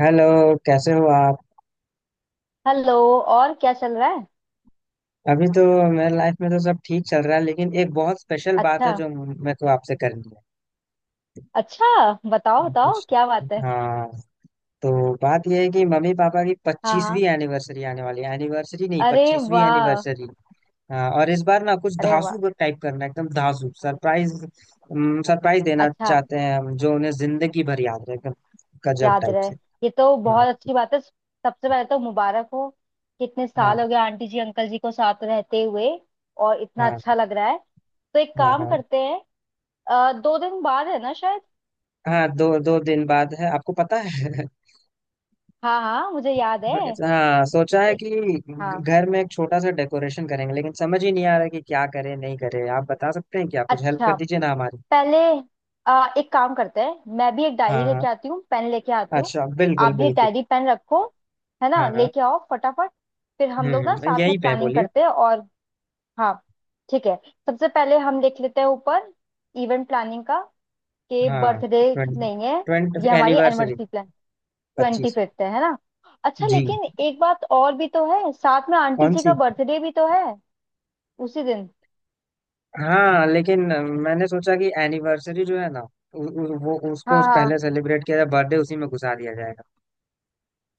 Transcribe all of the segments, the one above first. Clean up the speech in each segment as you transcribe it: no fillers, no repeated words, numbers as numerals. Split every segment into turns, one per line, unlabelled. Hello. कैसे हो आप।
हेलो। और क्या चल रहा है?
अभी तो मेरे लाइफ में तो सब ठीक चल रहा है लेकिन एक बहुत स्पेशल बात है
अच्छा।
जो मेरे को आपसे करनी
अच्छा, बताओ
है
बताओ
कुछ।
क्या बात है।
हाँ तो बात यह है कि मम्मी पापा की
हाँ हाँ।
25वीं एनिवर्सरी आने वाली है। एनिवर्सरी नहीं,
अरे
25वीं
वाह।
एनिवर्सरी। हाँ और इस बार ना कुछ
अरे वाह।
धांसू टाइप करना है, एकदम धांसू सरप्राइज। सरप्राइज देना
अच्छा,
चाहते हैं हम जो उन्हें जिंदगी भर याद रहे, एकदम गजब
याद
टाइप
रहे।
से।
ये तो
हाँ
बहुत अच्छी बात है, सबसे पहले तो मुबारक हो। कितने
हाँ
साल हो गए आंटी जी अंकल जी को साथ रहते हुए, और इतना
हाँ
अच्छा लग रहा है। तो एक
हाँ
काम
हाँ।
करते हैं, 2 दिन बाद है ना शायद?
हाँ दो दो दिन बाद है, आपको पता है।
हाँ हाँ, मुझे याद है।
अच्छा, हाँ सोचा है
ए,
कि
हाँ।
घर में एक छोटा सा डेकोरेशन करेंगे लेकिन समझ ही नहीं आ रहा कि क्या करें नहीं करें। आप बता सकते हैं क्या, कुछ हेल्प
अच्छा,
कर दीजिए ना हमारी।
पहले एक काम करते हैं, मैं भी एक डायरी
हाँ हाँ।
लेके आती हूँ, पेन लेके आती हूँ।
अच्छा बिल्कुल
आप भी एक
बिल्कुल।
डायरी पेन रखो, है ना,
हाँ हाँ।
लेके आओ फटाफट। फिर हम लोग ना साथ में
यहीं पे है,
प्लानिंग
बोलिए।
करते हैं, और हाँ ठीक है। सबसे पहले हम लिख लेते हैं ऊपर इवेंट प्लानिंग का, कि
हाँ
बर्थडे
ट्वेंटी
नहीं है,
ट्वेंटी
ये हमारी
anniversary.
Anniversary plan. Twenty
25।
Fifth है ना? अच्छा,
जी।
लेकिन एक बात और भी तो है, साथ में आंटी
कौन
जी का
सी।
बर्थडे भी तो है उसी दिन।
हाँ लेकिन मैंने सोचा कि एनिवर्सरी जो है ना, उ, उ, वो उसको
हाँ हाँ,
पहले सेलिब्रेट किया जाए, बर्थडे उसी में घुसा दिया जाएगा।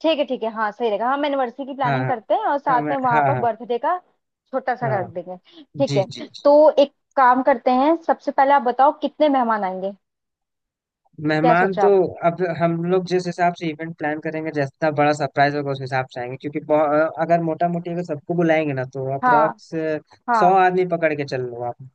ठीक है ठीक है, हाँ सही रहेगा, हम एनिवर्सरी की
हाँ
प्लानिंग
हाँ।
करते हैं और
हाँ
साथ
मैं
में वहां
हाँ
पर
हाँ।
बर्थडे का छोटा सा रख
हाँ
देंगे, ठीक
जी
है।
जी।
तो एक काम करते हैं, सबसे पहले आप बताओ कितने मेहमान आएंगे, क्या
मेहमान
सोचा
तो
आपने?
अब हम लोग जिस हिसाब से इवेंट प्लान करेंगे, जितना बड़ा सरप्राइज होगा उस हिसाब से आएंगे क्योंकि अगर मोटा मोटी अगर सबको बुलाएंगे ना तो
हाँ
अप्रोक्स 100
हाँ।
आदमी पकड़ के चल लो आप।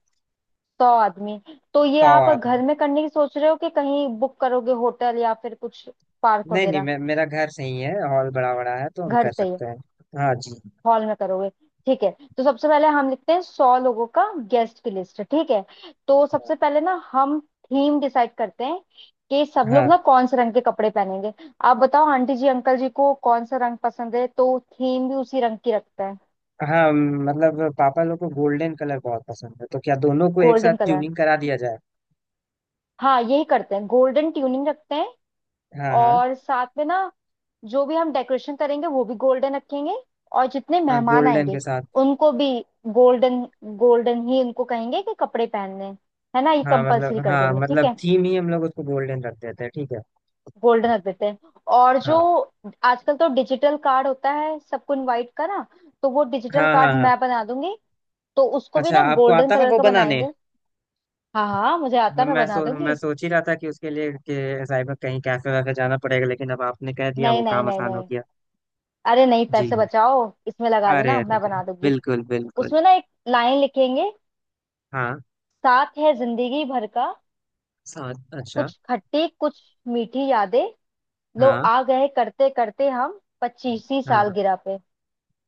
100 आदमी? तो ये
100
आप
आदमी।
घर में करने की सोच रहे हो कि कहीं बुक करोगे, होटल या फिर कुछ पार्क
नहीं नहीं,
वगैरह?
मैं मेरा घर सही है, हॉल बड़ा बड़ा है तो हम
घर
कर
से ही
सकते हैं। हाँ जी।
हॉल में करोगे? ठीक है। तो सबसे पहले हम लिखते हैं 100 लोगों का गेस्ट की लिस्ट, ठीक है। तो सबसे पहले ना हम थीम डिसाइड करते हैं, कि सब लोग
हाँ
ना कौन से रंग के कपड़े पहनेंगे। आप बताओ आंटी जी अंकल जी को कौन सा रंग पसंद है, तो थीम भी उसी रंग की रखते हैं।
हाँ मतलब पापा लोग को गोल्डन कलर बहुत पसंद है, तो क्या दोनों को एक साथ
गोल्डन कलर?
ट्यूनिंग करा दिया जाए।
हाँ, यही करते हैं, गोल्डन ट्यूनिंग रखते हैं।
हाँ हाँ।
और साथ में ना जो भी हम डेकोरेशन करेंगे वो भी गोल्डन रखेंगे। और जितने
हाँ
मेहमान
गोल्डन के
आएंगे
साथ।
उनको भी गोल्डन, गोल्डन ही उनको कहेंगे कि कपड़े पहनने हैं। है ना, ये कंपलसरी कर
हाँ
देंगे, ठीक
मतलब
है।
थीम ही हम लोग उसको गोल्डन रख देते हैं, ठीक है।
गोल्डन रख देते हैं। और जो
हाँ
आजकल तो डिजिटल कार्ड होता है सबको इनवाइट का ना, तो वो डिजिटल
हाँ हाँ
कार्ड
हाँ।
मैं बना दूंगी, तो उसको भी
अच्छा
ना
आपको
गोल्डन
आता है
कलर
वो
का
बनाने।
बनाएंगे। हाँ हाँ, मुझे आता है, मैं बना
मैं
दूंगी।
सोच ही रहा था कि उसके लिए कि साइबर कहीं कैफे वैफे जाना पड़ेगा, लेकिन अब आपने कह दिया
नहीं
वो
नहीं
काम
नहीं
आसान हो
नहीं,
गया।
अरे नहीं,
जी।
पैसे बचाओ, इसमें लगा
अरे
देना,
अरे
मैं
अरे।
बना दूंगी।
बिल्कुल बिल्कुल।
उसमें ना एक लाइन लिखेंगे,
हाँ।
साथ है जिंदगी भर का,
साथ, अच्छा।
कुछ खट्टी कुछ मीठी यादें, लो
हाँ
आ गए करते करते हम पच्चीसी साल
हाँ
गिरा पे।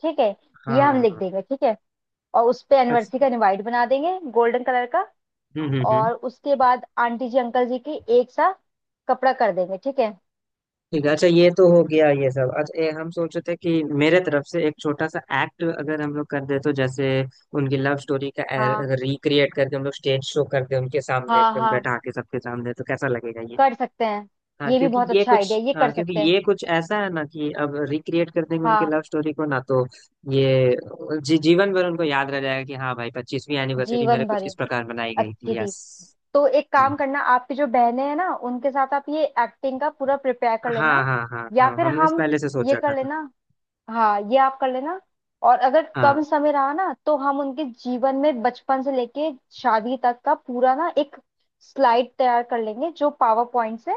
ठीक है, ये हम लिख
हाँ।
देंगे, ठीक है। और उस पे
अच्छा।
एनिवर्सरी का इनवाइट बना देंगे गोल्डन कलर का।
हम्म।
और उसके बाद आंटी जी अंकल जी की एक सा कपड़ा कर देंगे, ठीक है।
ठीक है, अच्छा ये तो हो गया ये सब। अच्छा, ये हम सोचे थे कि मेरे तरफ से एक छोटा सा एक्ट अगर हम लोग कर दे तो जैसे उनकी लव स्टोरी का
हाँ
रिक्रिएट करके हम लोग स्टेज शो कर दे उनके सामने,
हाँ
एकदम
हाँ,
बैठा के सबके सामने, तो कैसा लगेगा ये।
कर सकते हैं।
हाँ
ये भी
क्योंकि
बहुत
ये
अच्छा
कुछ।
आइडिया, ये
हाँ
कर
क्योंकि
सकते हैं।
ये कुछ ऐसा है ना, कि अब रिक्रिएट कर देंगे उनकी
हाँ
लव स्टोरी को ना तो ये जी, जीवन भर उनको याद रह जाएगा कि हाँ भाई 25वीं एनिवर्सरी मेरे
जीवन
कुछ
भर
इस प्रकार मनाई गई
अच्छी
थी,
थी।
यस।
तो एक
जी
काम करना, आपकी जो बहनें हैं ना, उनके साथ आप ये एक्टिंग का पूरा प्रिपेयर कर
हाँ
लेना।
हाँ हाँ
या
हाँ
फिर
हमने इस
हम,
पहले से सोच
ये
रखा
कर
था।
लेना, हाँ ये आप कर लेना। और अगर
हाँ
कम समय रहा ना, तो हम उनके जीवन में बचपन से लेके शादी तक का पूरा ना एक स्लाइड तैयार कर लेंगे, जो पावर पॉइंट से,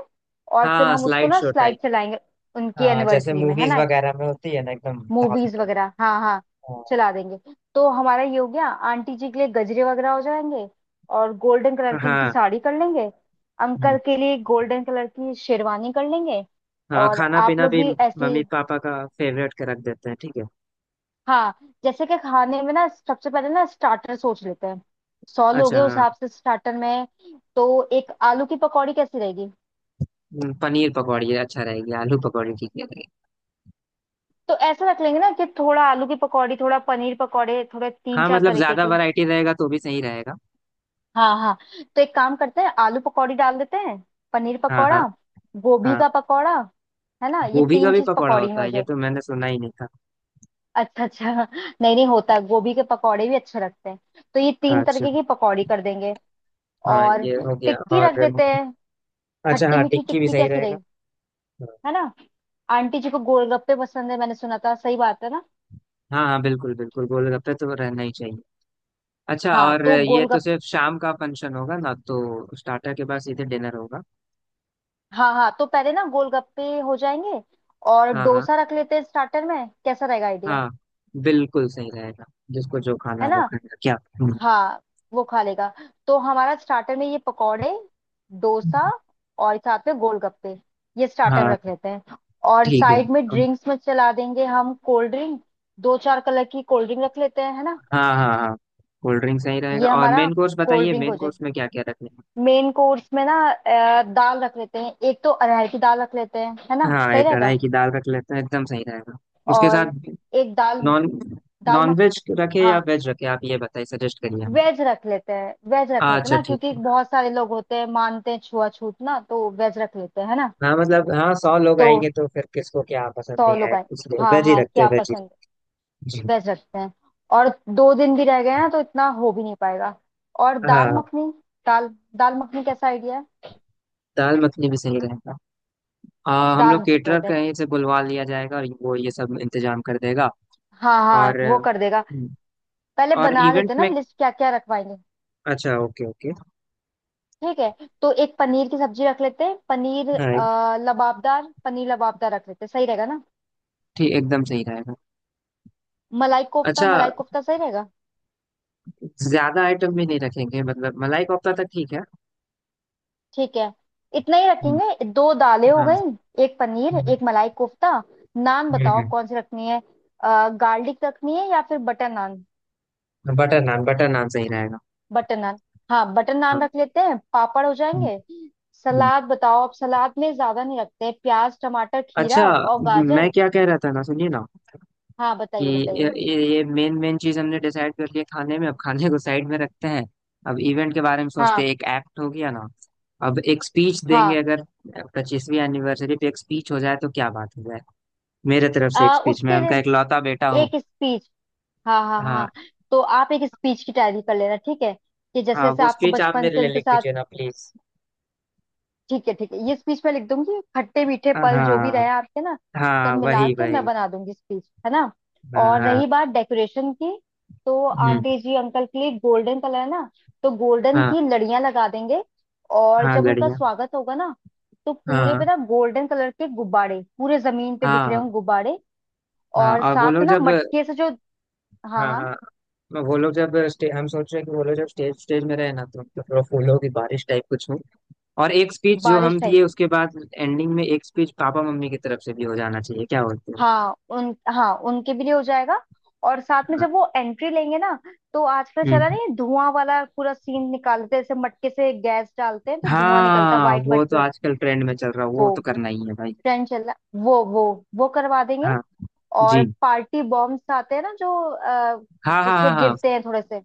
और फिर
हाँ
हम उसको
स्लाइड
ना
शो
स्लाइड
टाइप।
चलाएंगे उनकी
हाँ जैसे
एनिवर्सरी में, है
मूवीज
ना।
वगैरह में होती है ना एकदम।
Movies
hospital.
वगैरह, हाँ हाँ चला देंगे। तो हमारा ये हो गया, आंटी जी के लिए गजरे वगैरह हो जाएंगे, और गोल्डन कलर
हाँ
की उनकी
हाँ।
साड़ी कर लेंगे,
हम्म,
अंकल के लिए गोल्डन कलर की शेरवानी कर लेंगे।
हाँ
और
खाना
आप
पीना
लोग
भी
भी ऐसे।
मम्मी पापा का फेवरेट का रख देते हैं, ठीक है।
हाँ, जैसे कि खाने में ना सबसे पहले ना स्टार्टर सोच लेते हैं, 100 लोग
अच्छा
हैं उस
हाँ।
हिसाब से स्टार्टर में, तो एक आलू की पकौड़ी कैसी रहेगी?
पनीर पकौड़ी अच्छा रहेगी, आलू पकौड़ी ठीक है।
तो ऐसा रख लेंगे ना कि थोड़ा आलू की पकौड़ी, थोड़ा पनीर पकौड़े, थोड़े तीन
हाँ
चार
मतलब
तरीके
ज्यादा
की।
वैरायटी रहेगा तो भी सही रहेगा।
हाँ हाँ, तो एक काम करते हैं, आलू पकौड़ी डाल देते हैं, पनीर
हाँ
पकौड़ा,
हाँ।
गोभी
हाँ
का पकौड़ा, है ना, ये
गोभी का
तीन
भी
चीज
पकौड़ा
पकौड़ी में
होता
हो
है, ये
जाए।
तो मैंने सुना ही नहीं था।
अच्छा अच्छा नहीं, नहीं होता है, गोभी के पकौड़े भी अच्छे लगते हैं। तो ये तीन
अच्छा।
तरीके की पकौड़ी कर देंगे।
हाँ
और
ये हो गया,
टिक्की
और।
रख देते हैं,
अच्छा
खट्टी
हाँ,
मीठी
टिक्की भी
टिक्की
सही
कैसी
रहेगा।
रही, है ना। आंटी जी को गोलगप्पे पसंद है, मैंने सुना था, सही बात है ना?
हाँ हाँ बिल्कुल बिल्कुल, गोलगप्पे तो रहना ही चाहिए। अच्छा,
हाँ,
और
तो
ये तो
गोलगप,
सिर्फ शाम का फंक्शन होगा ना, तो स्टार्टर के बाद सीधे डिनर होगा।
हाँ हाँ तो पहले ना गोलगप्पे हो जाएंगे, और
हाँ हाँ।
डोसा रख लेते हैं स्टार्टर में, कैसा रहेगा आइडिया?
हाँ बिल्कुल सही रहेगा, जिसको जो खाना
है
है वो
ना।
खाएगा क्या।
हाँ वो खा लेगा। तो हमारा स्टार्टर में ये पकौड़े, डोसा, और साथ में गोलगप्पे, ये स्टार्टर में
हाँ
रख लेते हैं। और
ठीक है।
साइड में ड्रिंक्स में चला देंगे हम कोल्ड ड्रिंक, दो चार कलर की कोल्ड ड्रिंक रख लेते हैं, है ना।
हाँ हाँ हाँ कोल्ड ड्रिंक सही रहेगा,
ये
और
हमारा
मेन कोर्स
कोल्ड
बताइए,
ड्रिंक
मेन
हो जाए।
कोर्स में क्या क्या रखें।
मेन कोर्स में ना दाल रख लेते हैं, एक तो अरहर की दाल रख लेते हैं, है ना,
हाँ
सही
एक
रहेगा।
कढ़ाई की दाल रख लेते हैं, एकदम सही रहेगा। उसके
और
साथ
एक दाल,
नॉन
दाल
नॉन
मख,
वेज रखे
हाँ
या वेज रखे, आप ये बताइए, सजेस्ट करिए हमको।
वेज रख लेते हैं, वेज रख लेते हैं
अच्छा
ना,
ठीक
क्योंकि
है।
बहुत सारे लोग होते हैं मानते हैं छुआछूत ना, तो वेज रख लेते हैं, है ना।
हाँ मतलब हाँ, 100 लोग
तो
आएंगे तो फिर किसको क्या पसंद
100
नहीं है,
लोग आए,
इसलिए
हाँ
वेज ही
हाँ
रखते हैं,
क्या
वेज ही
पसंद
रखते हैं। जी।
है, वेज रखते हैं। और 2 दिन भी रह गए ना, तो इतना हो भी नहीं पाएगा। और दाल
हाँ।
मखनी, दाल, दाल मखनी कैसा आइडिया है?
दाल मखनी भी सही रहेगा। हम
दाल
लोग
मखनी
केटरर
रहता है,
कहीं से बुलवा लिया जाएगा और वो ये सब इंतजाम कर देगा।
हाँ हाँ
और
वो कर देगा।
हम्म,
पहले
और
बना
इवेंट
लेते हैं ना
में,
लिस्ट क्या क्या रखवाएंगे।
अच्छा, ओके ओके।
ठीक है, तो एक पनीर की सब्जी रख लेते हैं, पनीर
हाँ
लबाबदार, पनीर लबाबदार रख लेते हैं, सही रहेगा ना।
ठीक, एकदम सही रहेगा।
मलाई कोफ्ता,
अच्छा,
मलाई कोफ्ता सही रहेगा।
ज्यादा आइटम भी नहीं रखेंगे, मतलब मलाई कोफ्ता तक ठीक है।
ठीक है, इतना ही
हुँ,
रखेंगे, दो दालें हो
हाँ,
गई, एक पनीर,
हुँ,
एक मलाई कोफ्ता। नान
हुँ,
बताओ
हुँ,
कौन सी रखनी है, गार्लिक रखनी है या फिर बटर नान?
बटर नान सही रहेगा।
बटर नान, हाँ बटर नान
हाँ
रख लेते हैं, पापड़ हो
हुँ,
जाएंगे।
हुँ।
सलाद बताओ, अब सलाद में ज्यादा नहीं रखते हैं, प्याज, टमाटर,
अच्छा,
खीरा और
मैं
गाजर।
क्या कह रहा था ना, सुनिए ना,
हाँ,
कि
बताइए
ये
बताइए।
ये मेन मेन चीज हमने डिसाइड कर लिया खाने में, अब खाने को साइड में रखते हैं। अब इवेंट के बारे में सोचते
हाँ
हैं, एक एक्ट हो गया ना। अब एक स्पीच देंगे,
हाँ,
अगर 25वीं एनिवर्सरी पे एक स्पीच हो जाए तो क्या बात हो जाए। मेरे तरफ से एक स्पीच, मैं
उसके
उनका
लिए
इकलौता बेटा हूँ।
एक स्पीच, हाँ हाँ
हाँ
हाँ, तो आप एक स्पीच की तैयारी कर लेना, ठीक है, कि जैसे
हाँ
जैसे
वो
आपको
स्पीच आप
बचपन
मेरे
से
लिए
उनके
लिख
साथ,
दीजिए ना प्लीज।
ठीक है ठीक है, ये स्पीच मैं लिख दूंगी, खट्टे मीठे पल जो भी रहे
हाँ
आपके ना, सब
हाँ
मिला
वही
के मैं
वही।
बना दूंगी स्पीच, है ना।
हाँ
और
हाँ।
रही बात डेकोरेशन की, तो
हम्म।
आंटी जी अंकल के लिए गोल्डन कलर है ना, तो गोल्डन
हाँ
की लड़ियां लगा देंगे। और
हाँ
जब उनका
लड़ियाँ।
स्वागत होगा ना, तो पूरे
हाँ
पे ना गोल्डन कलर के गुब्बारे पूरे जमीन पे बिखरे
हाँ
होंगे गुब्बारे।
हाँ,
और
और वो
साथ
लोग
ना
जब,
मटके से जो, हाँ
हाँ
हाँ
हाँ वो लोग जब स्टे हम सोच रहे हैं कि वो लोग जब स्टेज स्टेज में रहे ना, तो थोड़ा फूलों की बारिश टाइप कुछ हो। और एक स्पीच जो
बारिश
हम
टाइप,
दिए, उसके बाद एंडिंग में एक स्पीच पापा मम्मी की तरफ से भी हो जाना चाहिए, क्या बोलते हो।
हाँ उनके भी लिए हो जाएगा। और साथ में
हाँ
जब वो एंट्री लेंगे ना, तो आजकल चला
हम्म।
नहीं है, धुआं वाला पूरा सीन निकालते हैं, जैसे मटके से गैस डालते हैं तो धुआं निकलता है,
हाँ
वाइट
वो
वाइट
तो
कलर।
आजकल ट्रेंड में चल रहा, वो
वो
तो करना ही है भाई।
ट्रेंड चल रहा, वो वो वो करवा देंगे।
हाँ।
और
जी।
पार्टी बॉम्ब्स आते हैं ना जो
हाँ हाँ
जिससे
हाँ हाँ।
गिरते हैं थोड़े से,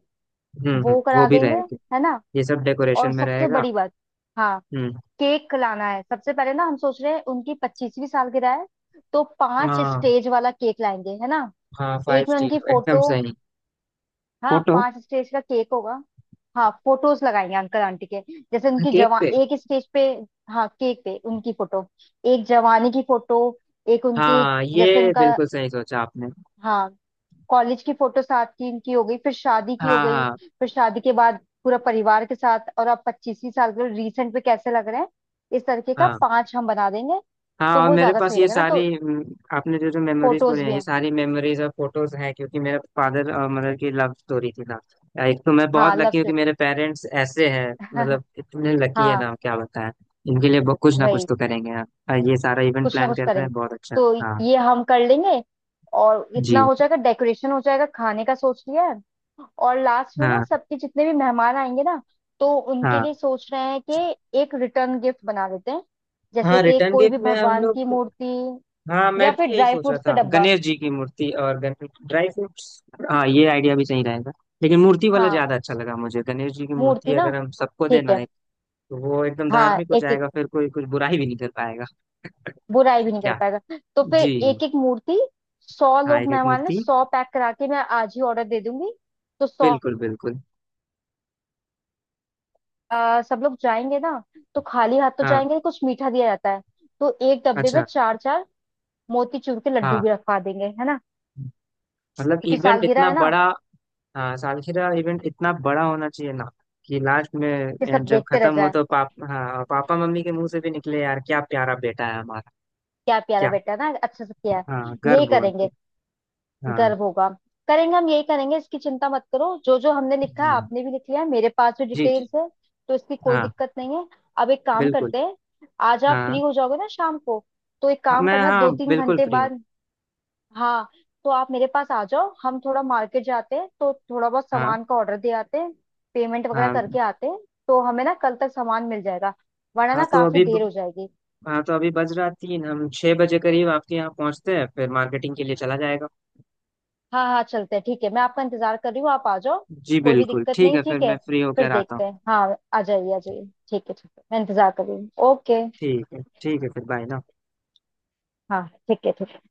वो
वो
करा
भी
देंगे,
रहेगा।
है ना।
ये सब डेकोरेशन
और
में
सबसे
रहेगा।
बड़ी बात, हाँ
हम्म।
केक लाना है, सबसे पहले ना हम सोच रहे हैं उनकी 25वीं सालगिरह है, तो पांच
हाँ
स्टेज वाला केक लाएंगे, है ना।
हाँ, 5
एक में उनकी
स्टीरियो एकदम
फोटो,
सही।
हाँ
फोटो।
पांच स्टेज का केक होगा। हाँ फोटोज लगाएंगे अंकल आंटी के, जैसे उनकी
केक पे।
जवान एक स्टेज पे, हाँ केक पे उनकी फोटो, एक जवानी की फोटो, एक उनके
हाँ
जैसे
ये
उनका,
बिल्कुल सही सोचा आपने।
हाँ कॉलेज की फोटो साथ की इनकी हो गई, फिर शादी की हो
हाँ
गई,
हाँ
फिर शादी के बाद पूरा परिवार के साथ, और अब 25वीं साल के रिसेंट पे कैसे लग रहे हैं, इस तरीके का
हाँ
पांच हम बना देंगे।
हाँ,
तो
और
वो
मेरे
ज्यादा
पास
सही
ये
रहेगा ना, तो
सारी आपने जो जो मेमोरीज बोले
फोटोज
हैं
भी
ये
हैं।
सारी मेमोरीज और फोटोज हैं, क्योंकि मेरे फादर और मदर की लव स्टोरी थी ना। एक तो मैं बहुत
हाँ लव
लकी हूँ कि मेरे पेरेंट्स ऐसे हैं,
स्टोरी
मतलब इतने लकी है
हाँ
ना, क्या बताएं। इनके लिए कुछ ना कुछ
वही,
तो करेंगे आप। हाँ, ये सारा इवेंट
कुछ ना
प्लान
कुछ
कर रहे
करेंगे।
हैं, बहुत अच्छा
तो
हाँ।
ये हम कर लेंगे, और
जी।
इतना हो जाएगा, डेकोरेशन हो जाएगा, खाने का सोच लिया है। और लास्ट में ना
हाँ
सबके जितने भी मेहमान आएंगे ना, तो उनके
हाँ
लिए सोच रहे हैं कि एक रिटर्न गिफ्ट बना देते हैं, जैसे
हाँ
कि
रिटर्न
कोई भी
गिफ्ट में हम
भगवान की
लोग।
मूर्ति
हाँ मैं
या फिर
भी यही
ड्राई
सोच रहा
फ्रूट्स का
था,
डब्बा।
गणेश जी की मूर्ति और गणेश ड्राई फ्रूट्स। हाँ ये आइडिया भी सही रहेगा, लेकिन मूर्ति वाला
हाँ
ज्यादा अच्छा लगा मुझे। गणेश जी की मूर्ति
मूर्ति ना,
अगर हम सबको
ठीक
देना
है।
है तो वो एकदम
हाँ
धार्मिक हो
एक एक,
जाएगा, फिर कोई कुछ बुराई भी नहीं कर पाएगा।
बुराई भी नहीं कर
क्या।
पाएगा। तो फिर
जी।
एक एक मूर्ति, 100
हाँ
लोग
एक एक
मेहमान है,
मूर्ति।
100 पैक करा के मैं आज ही ऑर्डर दे दूंगी। तो 100,
बिल्कुल बिल्कुल।
सब लोग जाएंगे ना, तो खाली हाथ तो
हाँ।
जाएंगे, कुछ मीठा दिया जाता है, तो एक डब्बे में
अच्छा।
चार चार मोतीचूर के लड्डू
हाँ
भी रखवा देंगे, है ना,
मतलब
क्योंकि
इवेंट
सालगिरह
इतना
है ना,
बड़ा। हाँ सालगिरह, इवेंट इतना बड़ा होना चाहिए ना कि लास्ट में
कि सब
जब
देखते रह
खत्म हो
जाए,
तो पाप हाँ पापा मम्मी के मुंह से भी निकले यार क्या प्यारा बेटा है हमारा।
क्या प्यारा
क्या।
बेटा है ना, अच्छे से किया है,
हाँ,
यही
गर्व हो उनको।
करेंगे।
हाँ।
गर्व होगा, करेंगे, हम यही करेंगे, इसकी चिंता मत करो, जो जो हमने लिखा है
जी
आपने भी लिख लिया है, मेरे पास भी
जी। जी।
डिटेल्स है, तो इसकी कोई
हाँ
दिक्कत नहीं है। अब एक काम
बिल्कुल।
करते हैं, आज आप
हाँ
फ्री हो जाओगे ना शाम को, तो एक
हाँ,
काम
मैं
करना,
हाँ
दो तीन
बिल्कुल
घंटे
फ्री हूँ।
बाद, हाँ, तो आप मेरे पास आ जाओ, हम थोड़ा मार्केट जाते हैं, तो थोड़ा बहुत
हाँ।
सामान का ऑर्डर दे आते हैं, पेमेंट वगैरह
हाँ
करके आते हैं, तो हमें ना कल तक सामान मिल जाएगा, वरना
हाँ
ना
तो
काफी
अभी
देर हो जाएगी।
हाँ तो अभी बज रहा 3, हम 6 बजे करीब आपके यहाँ पहुँचते हैं, फिर मार्केटिंग के लिए चला जाएगा।
हाँ हाँ चलते हैं, ठीक है, मैं आपका इंतजार कर रही हूँ, आप आ जाओ,
जी
कोई भी
बिल्कुल
दिक्कत
ठीक
नहीं,
है, फिर
ठीक है,
मैं फ्री
फिर
होकर आता
देखते
हूँ।
हैं, हाँ, आ जाइए आ जाइए, ठीक है ठीक है, मैं इंतजार कर रही हूँ, ओके,
ठीक है ठीक है, फिर बाय ना।
हाँ, ठीक है, ठीक।